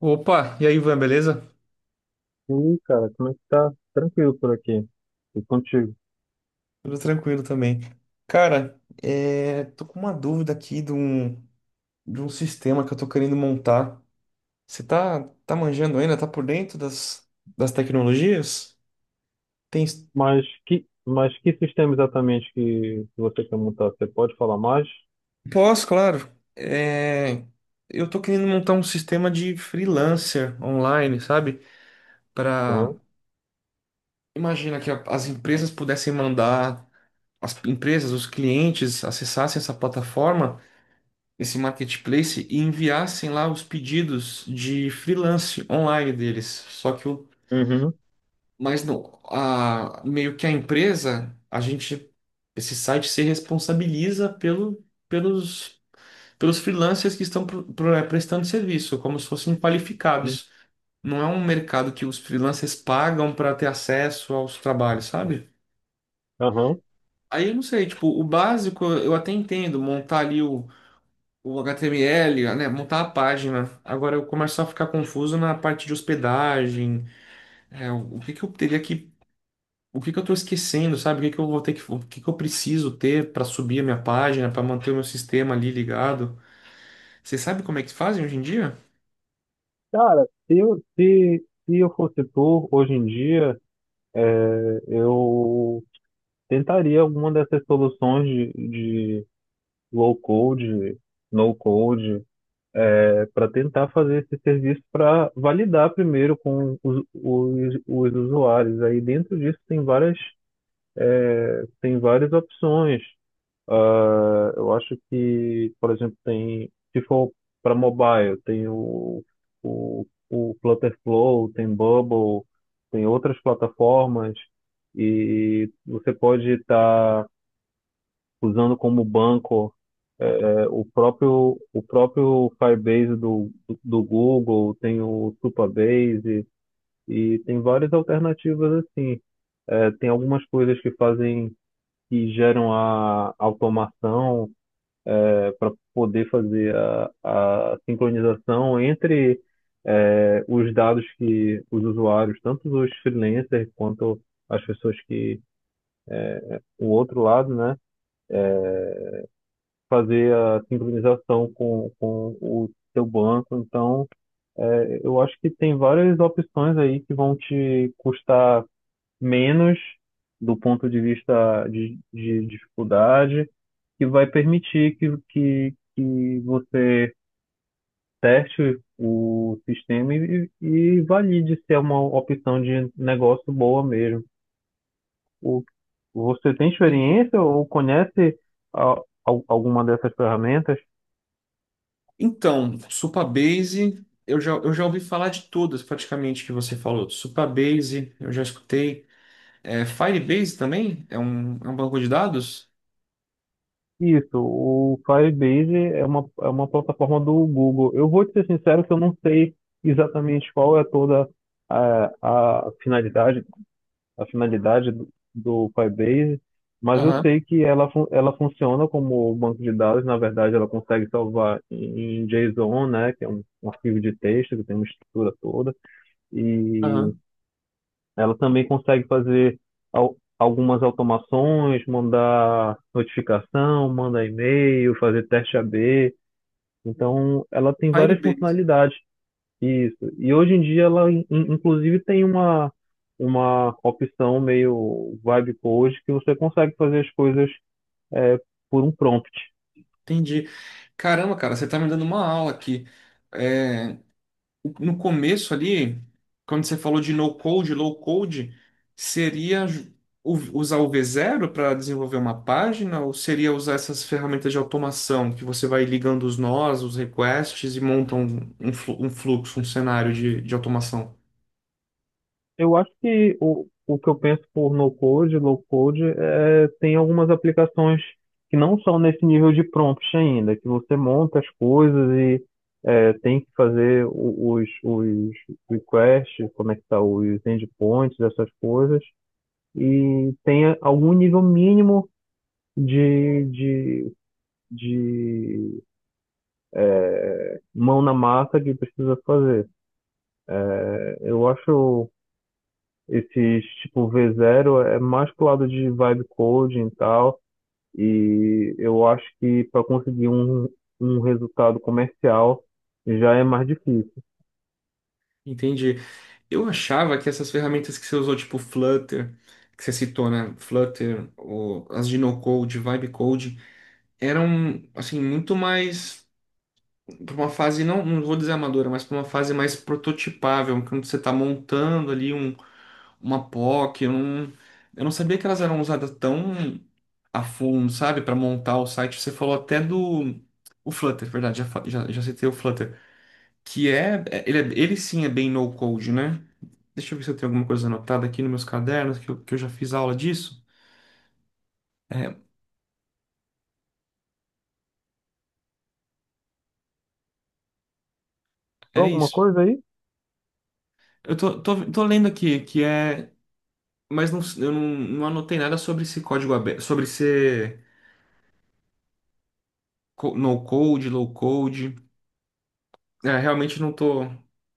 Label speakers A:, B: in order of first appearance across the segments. A: Opa, e aí, Ivan, beleza?
B: E aí, cara, como é que tá? Tranquilo por aqui. E contigo.
A: Tudo tranquilo também. Cara, tô com uma dúvida aqui de um sistema que eu tô querendo montar. Você tá manjando ainda? Tá por dentro das tecnologias? Tem...
B: Mas que sistema exatamente que você quer montar? Você pode falar mais?
A: Posso, claro. Eu tô querendo montar um sistema de freelancer online, sabe? Para
B: Aham.
A: imagina que as empresas pudessem mandar, as empresas, os clientes acessassem essa plataforma esse marketplace e enviassem lá os pedidos de freelance online deles. Só
B: Uhum.
A: mas não, a, meio que a empresa, a gente, esse site se responsabiliza pelos freelancers que estão prestando serviço, como se fossem
B: Uhum.
A: qualificados. Não é um mercado que os freelancers pagam para ter acesso aos trabalhos, sabe?
B: Aham.
A: Aí eu não sei, tipo, o básico eu até entendo, montar ali o HTML, né, montar a página. Agora eu começo a ficar confuso na parte de hospedagem, o que que eu teria o que que eu estou esquecendo, sabe? O que que eu vou ter que, o que que eu preciso ter para subir a minha página, para manter o meu sistema ali ligado? Você sabe como é que fazem hoje em dia?
B: Cara, se eu fosse tu, hoje em dia, eu tentaria alguma dessas soluções de low code, no code, para tentar fazer esse serviço para validar primeiro com os usuários. Aí dentro disso tem várias. Tem várias opções. Ah, eu acho que, por exemplo, tem, se for para mobile, tem o Flutterflow, tem Bubble, tem outras plataformas e você pode estar usando como banco o próprio Firebase do Google, tem o Supabase e tem várias alternativas assim. Tem algumas coisas que fazem que geram a automação para poder fazer a sincronização entre os dados que os usuários, tanto os freelancers quanto as pessoas que o outro lado, né, fazer a sincronização com o seu banco. Então, eu acho que tem várias opções aí que vão te custar menos do ponto de vista de dificuldade que vai permitir que você teste o sistema e valide se é uma opção de negócio boa mesmo. O, você tem
A: Entendi.
B: experiência ou conhece alguma dessas ferramentas?
A: Então, Supabase, eu já ouvi falar de todas praticamente que você falou. Supabase, eu já escutei. É, Firebase também? É um banco de dados?
B: Isso, o Firebase é uma plataforma do Google. Eu vou te ser sincero que eu não sei exatamente qual é toda a finalidade a finalidade do Firebase, mas eu
A: Aham,
B: sei que ela, ela funciona como banco de dados, na verdade ela consegue salvar em JSON, né, que é um, um arquivo de texto que tem uma estrutura toda, e
A: aham.
B: ela também consegue fazer algumas automações, mandar notificação, mandar e-mail, fazer teste A B. Então ela tem várias
A: Firebase,
B: funcionalidades. Isso. E hoje em dia ela, inclusive, tem uma opção meio vibe code que você consegue fazer as coisas é, por um prompt.
A: entendi. Caramba, cara, você tá me dando uma aula aqui. É, no começo ali, quando você falou de no-code, low-code, seria usar o V0 para desenvolver uma página ou seria usar essas ferramentas de automação que você vai ligando os nós, os requests e monta um um fluxo, um cenário de automação?
B: Eu acho que o que eu penso por no code, low code, é, tem algumas aplicações que não são nesse nível de prompt ainda, que você monta as coisas e é, tem que fazer os requests, conectar os endpoints, essas coisas, e tem algum nível mínimo de, de, de mão na massa que precisa fazer. Eu acho esses tipo V0 é mais pro lado de vibe coding e tal, e eu acho que para conseguir um, um resultado comercial já é mais difícil.
A: Entendi. Eu achava que essas ferramentas que você usou, tipo Flutter, que você citou, né? Flutter, ou as de no-code, vibe code eram assim muito mais para uma fase não, não vou dizer amadora, mas para uma fase mais prototipável, quando você está montando ali uma POC, eu não sabia que elas eram usadas tão a fundo, sabe, para montar o site. Você falou até do o Flutter, verdade, já citei o Flutter, que ele sim é bem no code, né? Deixa eu ver se eu tenho alguma coisa anotada aqui nos meus cadernos, que eu já fiz aula disso. É, é
B: Alguma
A: isso.
B: coisa aí?
A: Eu tô lendo aqui que é mas não, eu não, não anotei nada sobre esse código aberto, sobre ser no code, low code. É, realmente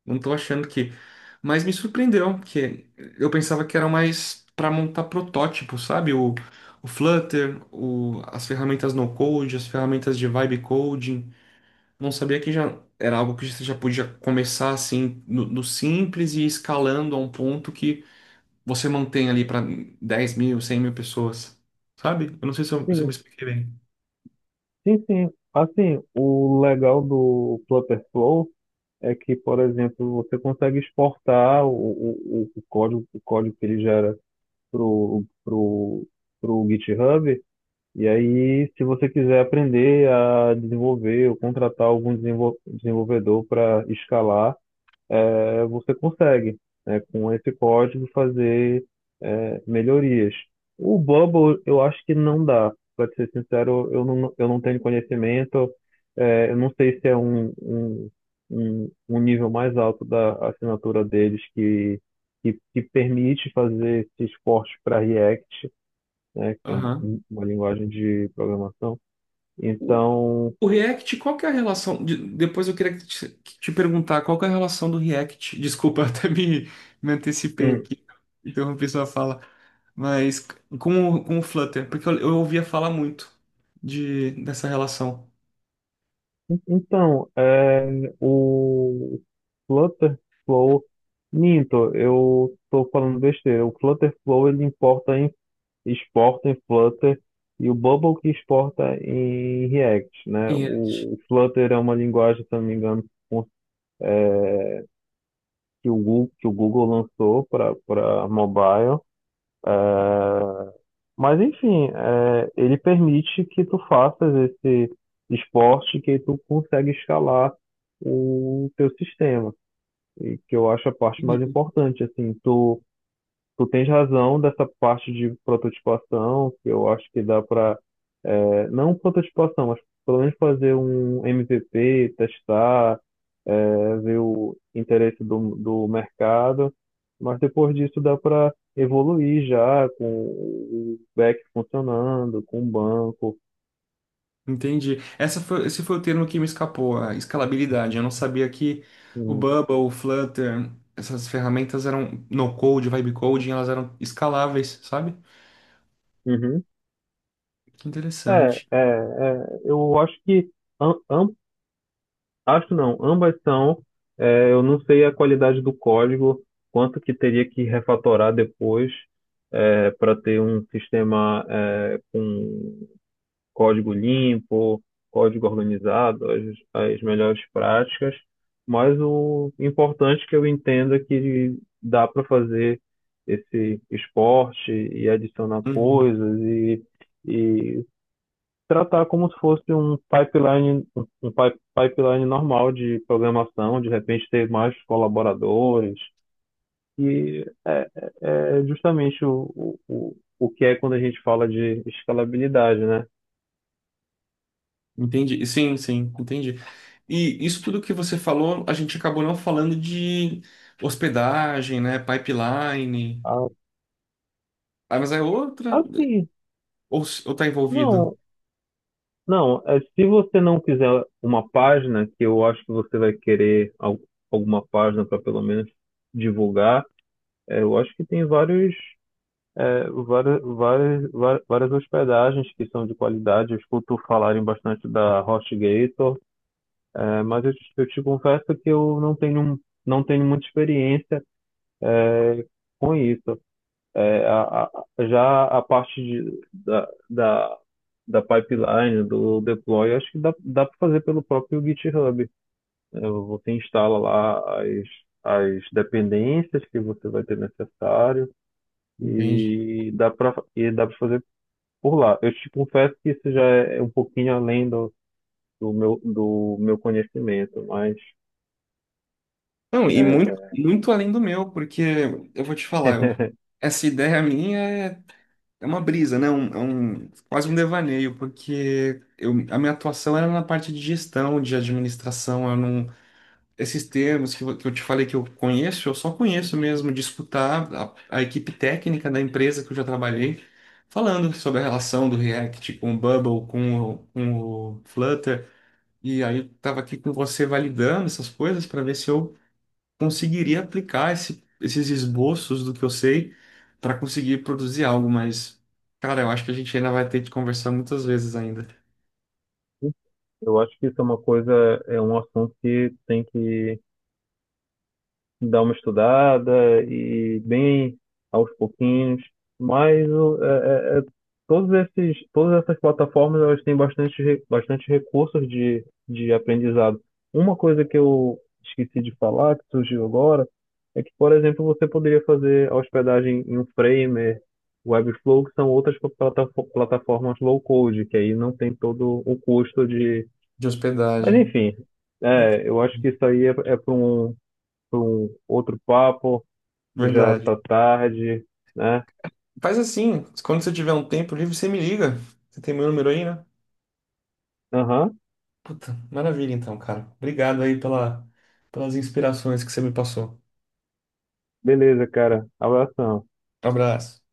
A: não tô achando que. Mas me surpreendeu, porque eu pensava que era mais para montar protótipo, sabe? O Flutter, o, as ferramentas no code, as ferramentas de vibe coding. Não sabia que já era algo que você já podia começar assim no simples e ir escalando a um ponto que você mantém ali para 10 mil, 100 mil pessoas, sabe? Eu não sei se eu me
B: Sim,
A: expliquei bem.
B: sim, sim. Assim, o legal do Flutter Flow é que, por exemplo, você consegue exportar o código que ele gera pro, pro, pro GitHub. E aí, se você quiser aprender a desenvolver ou contratar algum desenvolvedor para escalar, é, você consegue, né, com esse código, fazer melhorias. O Bubble, eu acho que não dá. Para ser sincero, eu não tenho conhecimento. É, eu não sei se é um nível mais alto da assinatura deles que permite fazer esses cortes para React, né, que é
A: Aham.
B: uma linguagem de programação.
A: O,
B: Então,
A: o React, qual que é a relação? Depois eu queria te perguntar qual que é a relação do React. Desculpa, eu me antecipei
B: hum,
A: aqui, interrompi sua fala. Mas com o Flutter, porque eu ouvia falar muito dessa relação.
B: então, é, o Flutterflow, minto, eu estou falando besteira. O Flutterflow ele exporta em Flutter e o Bubble que exporta em React, né?
A: React.
B: O Flutter é uma linguagem, se eu não me engano, com- é, que o Google lançou para para mobile. É, mas enfim, é, ele permite que tu faças esse esporte que tu consegue escalar o teu sistema, e que eu acho a parte mais importante, assim, tu tu tens razão dessa parte de prototipação, que eu acho que dá para, não prototipação, mas pelo menos fazer um MVP, testar, é, ver o interesse do mercado, mas depois disso dá para evoluir já com o back funcionando, com o banco.
A: Entendi. Esse foi o termo que me escapou, a escalabilidade. Eu não sabia que o
B: com-
A: Bubble, o Flutter, essas ferramentas eram no-code, vibe-coding, elas eram escaláveis, sabe?
B: Uhum.
A: Que
B: É,
A: interessante.
B: é, é, eu acho que am- acho não, ambas são. É, eu não sei a qualidade do código, quanto que teria que refatorar depois para ter um sistema é, com código limpo, código organizado, as melhores práticas. Mas o importante que eu entendo é que dá para fazer esse esporte e adicionar
A: Uhum.
B: coisas e tratar como se fosse um pipeline, um pipeline normal de programação, de repente ter mais colaboradores, e é, é justamente o, o que é quando a gente fala de escalabilidade, né?
A: Entendi. Sim, sim, entendi. E isso tudo que você falou, a gente acabou não falando de hospedagem, né? Pipeline.
B: Ah,
A: Ah, mas é outra?
B: assim,
A: Ou tá envolvido?
B: não, não, é, se você não quiser uma página, que eu acho que você vai querer alguma página para pelo menos divulgar, é, eu acho que tem vários é, várias hospedagens que são de qualidade, eu escuto falarem bastante da HostGator, é, mas eu te confesso que eu não tenho, não tenho muita experiência é, com isso. É, já a parte de, da pipeline, do deploy, acho que dá para fazer pelo próprio GitHub. É, você instala lá as dependências que você vai ter necessário
A: Entendi.
B: e dá para fazer por lá. Eu te confesso que isso já é um pouquinho além do meu conhecimento, mas
A: Não, e muito,
B: é,
A: muito além do meu, porque eu vou te falar, essa ideia minha é uma brisa, né? É um, quase um devaneio, porque eu, a minha atuação era na parte de gestão, de administração, eu não, esses termos que eu te falei que eu conheço, eu só conheço mesmo de escutar a equipe técnica da empresa que eu já trabalhei, falando sobre a relação do React com o Bubble, com o Flutter, e aí eu tava aqui com você validando essas coisas para ver se eu conseguiria aplicar esses esboços do que eu sei para conseguir produzir algo, mas, cara, eu acho que a gente ainda vai ter que conversar muitas vezes ainda
B: eu acho que isso é uma coisa, é um assunto que tem que dar uma estudada e bem aos pouquinhos. Mas é, todos esses, todas essas plataformas elas têm bastante, bastante recursos de aprendizado. Uma coisa que eu esqueci de falar, que surgiu agora, é que, por exemplo, você poderia fazer a hospedagem em um Framer, Webflow, que são outras plataformas low code, que aí não tem todo o custo de.
A: de
B: Mas
A: hospedagem.
B: enfim, é, eu acho que isso aí é, é para um outro papo. Já
A: Verdade.
B: tá tarde, né?
A: Faz assim, quando você tiver um tempo livre, você me liga. Você tem meu número aí, né?
B: Aham,
A: Puta, maravilha então, cara. Obrigado aí pela, pelas inspirações que você me passou.
B: beleza, cara. Abração.
A: Um abraço.